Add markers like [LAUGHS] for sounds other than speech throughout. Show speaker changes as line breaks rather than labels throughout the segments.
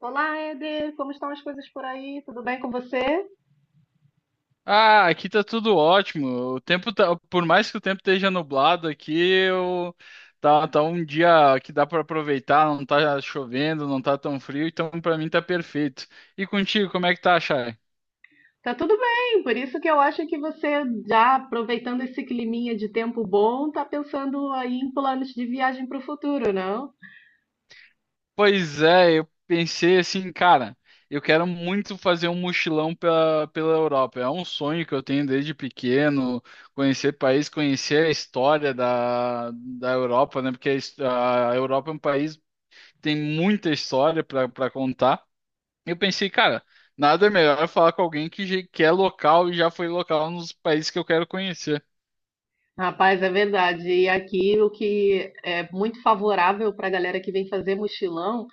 Olá, Eder, como estão as coisas por aí? Tudo bem com você?
Ah, aqui tá tudo ótimo. O tempo tá, por mais que o tempo esteja nublado aqui, eu tá, um dia que dá para aproveitar, não tá chovendo, não tá tão frio, então pra mim tá perfeito. E contigo, como é que tá, Chay?
Tá tudo bem, por isso que eu acho que você, já aproveitando esse climinha de tempo bom, tá pensando aí em planos de viagem para o futuro, não?
Pois é, eu pensei assim, cara, eu quero muito fazer um mochilão pela Europa. É um sonho que eu tenho desde pequeno, conhecer país, conhecer a história da Europa, né? Porque a Europa é um país que tem muita história para contar. Eu pensei, cara, nada melhor falar com alguém que é local e já foi local nos países que eu quero conhecer.
Rapaz, é verdade. E aqui o que é muito favorável para a galera que vem fazer mochilão.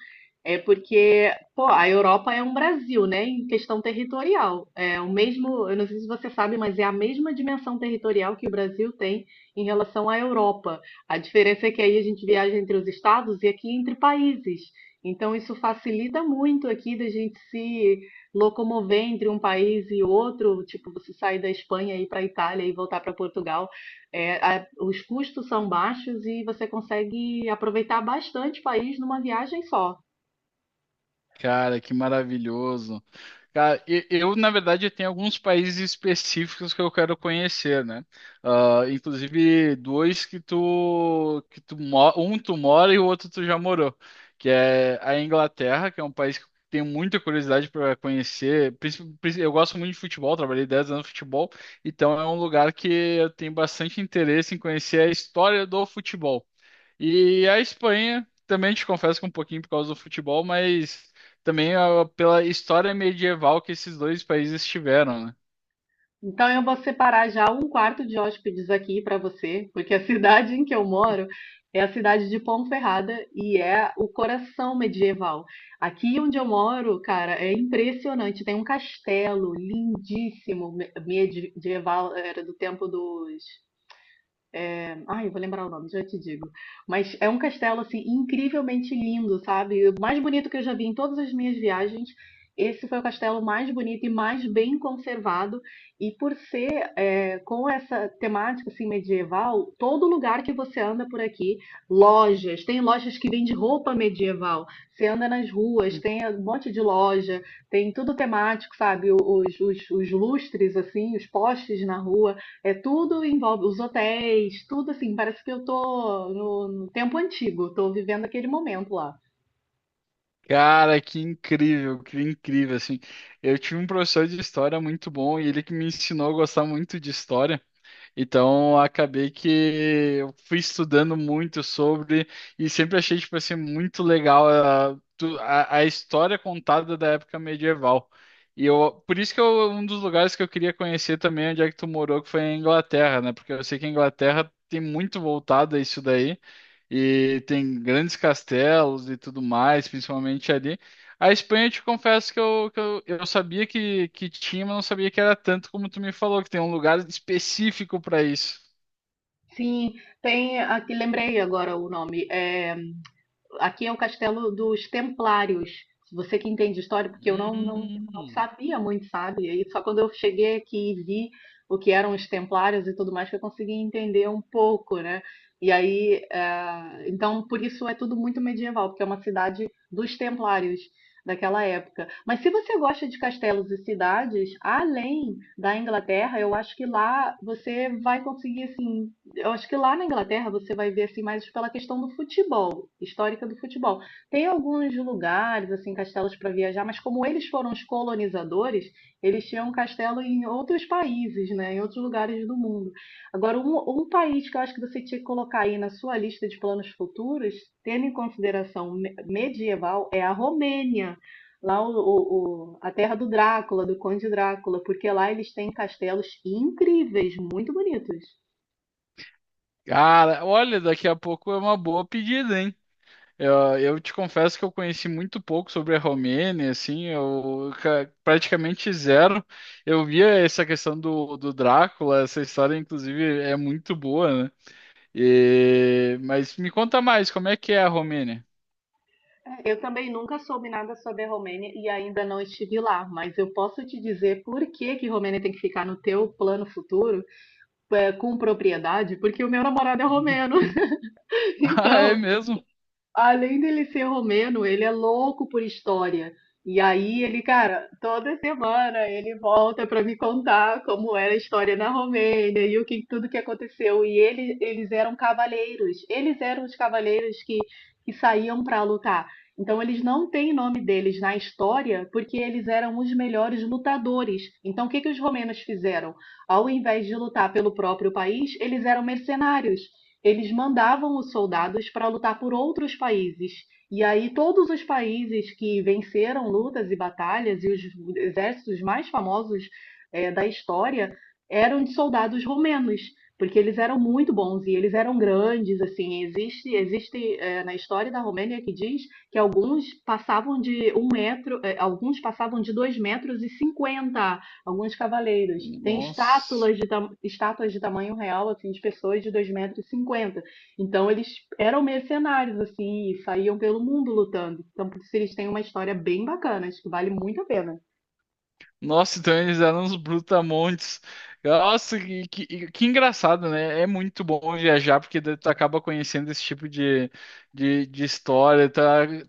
É porque, pô, a Europa é um Brasil, né, em questão territorial. É o mesmo, eu não sei se você sabe, mas é a mesma dimensão territorial que o Brasil tem em relação à Europa. A diferença é que aí a gente viaja entre os estados e aqui entre países. Então isso facilita muito aqui da gente se locomover entre um país e outro, tipo, você sair da Espanha e ir para a Itália e voltar para Portugal. É, os custos são baixos e você consegue aproveitar bastante o país numa viagem só.
Cara, que maravilhoso. Cara, eu, na verdade, tenho alguns países específicos que eu quero conhecer, né? Ah, inclusive, dois um tu mora e o outro tu já morou, que é a Inglaterra, que é um país que eu tenho muita curiosidade para conhecer. Eu gosto muito de futebol, trabalhei 10 anos no futebol, então é um lugar que eu tenho bastante interesse em conhecer a história do futebol. E a Espanha, também te confesso que um pouquinho por causa do futebol, mas também pela história medieval que esses dois países tiveram, né?
Então eu vou separar já um quarto de hóspedes aqui para você, porque a [LAUGHS] cidade em que eu moro é a cidade de Ponferrada e é o coração medieval. Aqui onde eu moro, cara, é impressionante. Tem um castelo lindíssimo medieval, era do tempo dos... Ai, eu vou lembrar o nome, já te digo. Mas é um castelo, assim, incrivelmente lindo, sabe? O mais bonito que eu já vi em todas as minhas viagens. Esse foi o castelo mais bonito e mais bem conservado. E por ser com essa temática assim, medieval, todo lugar que você anda por aqui, lojas, tem lojas que vendem roupa medieval. Você anda nas ruas, tem um monte de loja, tem tudo temático, sabe? Os lustres, assim, os postes na rua. É tudo envolve os hotéis, tudo assim, parece que eu tô no tempo antigo, tô vivendo aquele momento lá.
Cara, que incrível, assim. Eu tive um professor de história muito bom e ele que me ensinou a gostar muito de história. Então, acabei que eu fui estudando muito sobre e sempre achei, tipo assim, muito legal a história contada da época medieval. Por isso que eu, um dos lugares que eu queria conhecer também é onde é que tu morou, que foi a Inglaterra, né? Porque eu sei que a Inglaterra tem muito voltado a isso daí. E tem grandes castelos e tudo mais, principalmente ali. A Espanha, eu te confesso que eu sabia que tinha, mas não sabia que era tanto como tu me falou, que tem um lugar específico para isso.
Sim, tem aqui, lembrei agora o nome, é... Aqui é o castelo dos Templários. Você que entende história, porque eu
Hum.
não sabia muito, sabe? E só quando eu cheguei aqui e vi o que eram os Templários e tudo mais, que eu consegui entender um pouco, né? E aí, então, por isso é tudo muito medieval, porque é uma cidade dos Templários daquela época. Mas se você gosta de castelos e cidades, além da Inglaterra, eu acho que lá você vai conseguir, assim, eu acho que lá na Inglaterra você vai ver assim mais pela questão do futebol, histórica do futebol. Tem alguns lugares assim, castelos para viajar, mas como eles foram os colonizadores, eles tinham um castelo em outros países, né, em outros lugares do mundo. Agora, um país que eu acho que você tinha que colocar aí na sua lista de planos futuros, tendo em consideração medieval, é a Romênia, lá a terra do Drácula, do Conde Drácula, porque lá eles têm castelos incríveis, muito bonitos.
Cara, olha, daqui a pouco é uma boa pedida, hein? Eu te confesso que eu conheci muito pouco sobre a Romênia, assim, praticamente zero. Eu via essa questão do Drácula, essa história, inclusive, é muito boa, né? Mas me conta mais, como é que é a Romênia?
Eu também nunca soube nada sobre a Romênia e ainda não estive lá, mas eu posso te dizer por que que Romênia tem que ficar no teu plano futuro com propriedade, porque o meu namorado é romeno.
[LAUGHS]
[LAUGHS]
Ah, é
Então...
mesmo?
Além dele ser romeno, ele é louco por história. E aí ele, cara, toda semana ele volta para me contar como era a história na Romênia e o que tudo que aconteceu. E ele, eles eram cavaleiros. Eles eram os cavaleiros que saíam para lutar. Então eles não têm nome deles na história porque eles eram os melhores lutadores. Então o que que os romenos fizeram? Ao invés de lutar pelo próprio país, eles eram mercenários, eles mandavam os soldados para lutar por outros países. E aí todos os países que venceram lutas e batalhas e os exércitos mais famosos da história eram de soldados romenos, porque eles eram muito bons e eles eram grandes, assim, existe, na história da Romênia que diz que alguns passavam de um metro, alguns passavam de 2,50 metros, alguns cavaleiros. Tem
Nossa.
estátuas de, estátuas de tamanho real, assim, de pessoas de 2 metros e 50. Então eles eram mercenários, assim, e saíam pelo mundo lutando. Então, por isso eles têm uma história bem bacana, acho que vale muito a pena.
Nossa, então eles eram uns brutamontes. Nossa, que engraçado, né? É muito bom viajar, porque daí tu acaba conhecendo esse tipo de história, tu,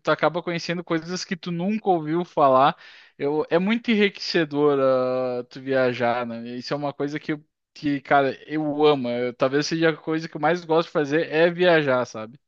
tu acaba conhecendo coisas que tu nunca ouviu falar. Eu, é muito enriquecedor, ah, tu viajar, né? Isso é uma coisa que, cara, eu amo. Talvez seja a coisa que eu mais gosto de fazer é viajar, sabe?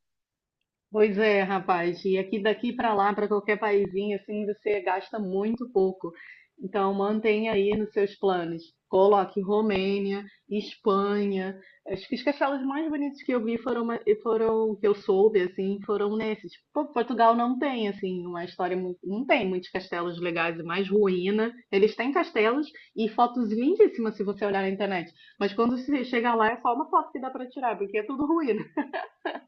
Pois é, rapaz, e aqui daqui para lá, para qualquer paizinho, assim, você gasta muito pouco. Então, mantenha aí nos seus planos. Coloque Romênia, Espanha. Acho que os castelos mais bonitos que eu vi foram, foram que eu soube, assim, foram nesses. Pô, Portugal não tem, assim, uma história muito, não tem muitos castelos legais, é mais ruína. Eles têm castelos e fotos lindíssimas se você olhar na internet. Mas quando você chega lá, é só uma foto que dá para tirar, porque é tudo ruína.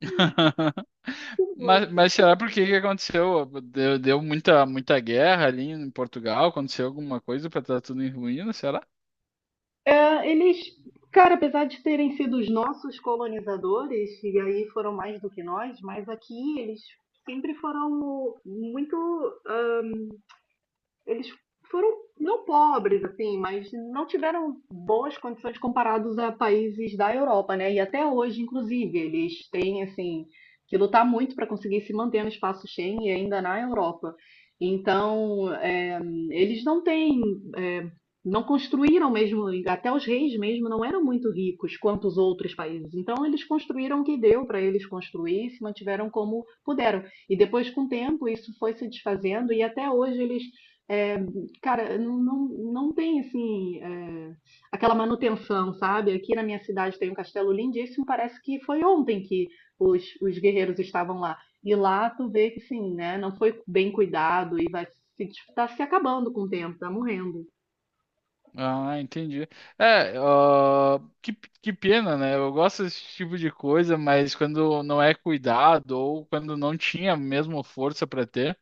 [LAUGHS]
[LAUGHS] Muito.
Mas será por que que aconteceu? Deu muita guerra ali em Portugal? Aconteceu alguma coisa para estar tudo em ruínas, será?
É, eles, cara, apesar de terem sido os nossos colonizadores, e aí foram mais do que nós, mas aqui eles sempre foram muito... ah, eles foram não pobres assim, mas não tiveram boas condições comparados a países da Europa, né? E até hoje, inclusive, eles têm assim que lutar muito para conseguir se manter no espaço Schengen e ainda na Europa. Então, eles não têm, é, não construíram mesmo, até os reis mesmo não eram muito ricos quanto os outros países. Então, eles construíram o que deu para eles construir, se mantiveram como puderam. E depois, com o tempo, isso foi se desfazendo e até hoje eles é, cara, não tem assim aquela manutenção, sabe? Aqui na minha cidade tem um castelo lindíssimo, parece que foi ontem que os guerreiros estavam lá. E lá tu vê que sim, né? Não foi bem cuidado e vai se, tá se acabando com o tempo, tá morrendo.
Ah, entendi. É, ó, que pena, né? Eu gosto desse tipo de coisa, mas quando não é cuidado ou quando não tinha mesmo força para ter,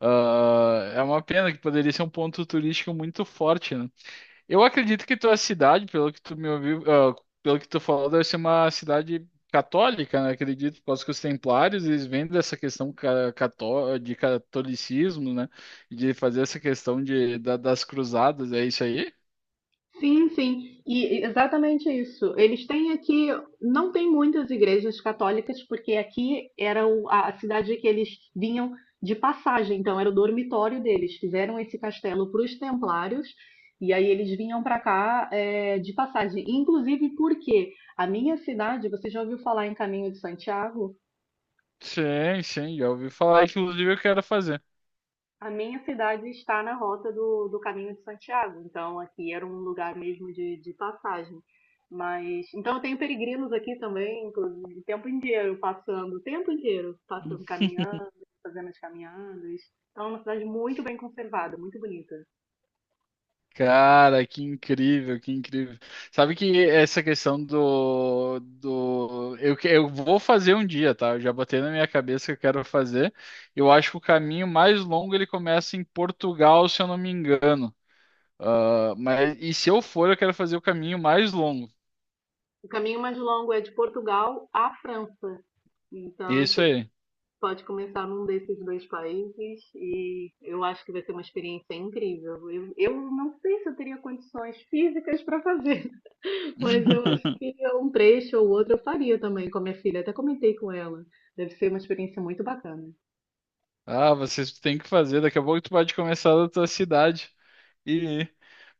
ah, é uma pena que poderia ser um ponto turístico muito forte, né? Eu acredito que tua cidade, pelo que tu me ouviu, ah, pelo que tu falou, deve ser uma cidade católica, né? Acredito, por causa que os templários, eles vêm dessa questão ca- cató de catolicismo, né? E de fazer essa questão das cruzadas, é isso aí?
Sim, sim, e exatamente isso. Eles têm aqui, não tem muitas igrejas católicas, porque aqui era a cidade que eles vinham de passagem, então era o dormitório deles. Fizeram esse castelo para os templários, e aí eles vinham para cá de passagem. Inclusive porque a minha cidade, você já ouviu falar em Caminho de Santiago?
Sim, sim, já ouvi falar, inclusive eu quero fazer.
A minha cidade está na rota do Caminho de Santiago, então aqui era um lugar mesmo de passagem. Mas então eu tenho peregrinos aqui também, inclusive, o tempo inteiro passando, o tempo inteiro passando, caminhando, fazendo as caminhadas. Então é uma cidade muito bem conservada, muito bonita.
Cara, que incrível, que incrível. Sabe que essa questão eu vou fazer um dia, tá? Eu já botei na minha cabeça que eu quero fazer. Eu acho que o caminho mais longo ele começa em Portugal, se eu não me engano. Ah, mas e se eu for, eu quero fazer o caminho mais longo.
O caminho mais longo é de Portugal à França. Então
Isso
você
aí.
pode começar num desses dois países e eu acho que vai ser uma experiência incrível. Eu não sei se eu teria condições físicas para fazer. Mas eu acho que é um trecho ou outro eu faria também com a minha filha. Até comentei com ela. Deve ser uma experiência muito bacana.
Ah, vocês têm que fazer. Daqui a pouco tu pode começar da tua cidade. E,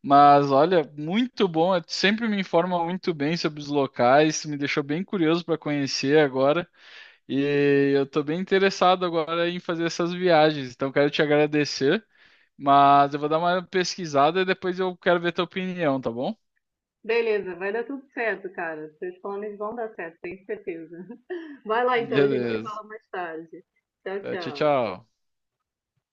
mas olha, muito bom. Sempre me informa muito bem sobre os locais. Me deixou bem curioso para conhecer agora. E eu estou bem interessado agora em fazer essas viagens. Então quero te agradecer. Mas eu vou dar uma pesquisada e depois eu quero ver tua opinião, tá bom?
Beleza, vai dar tudo certo, cara. Seus planos vão dar certo, tenho certeza. [LAUGHS] Vai lá então, gente. Se
Beleza.
fala mais tarde. Tchau,
Tchau,
tchau.
tchau.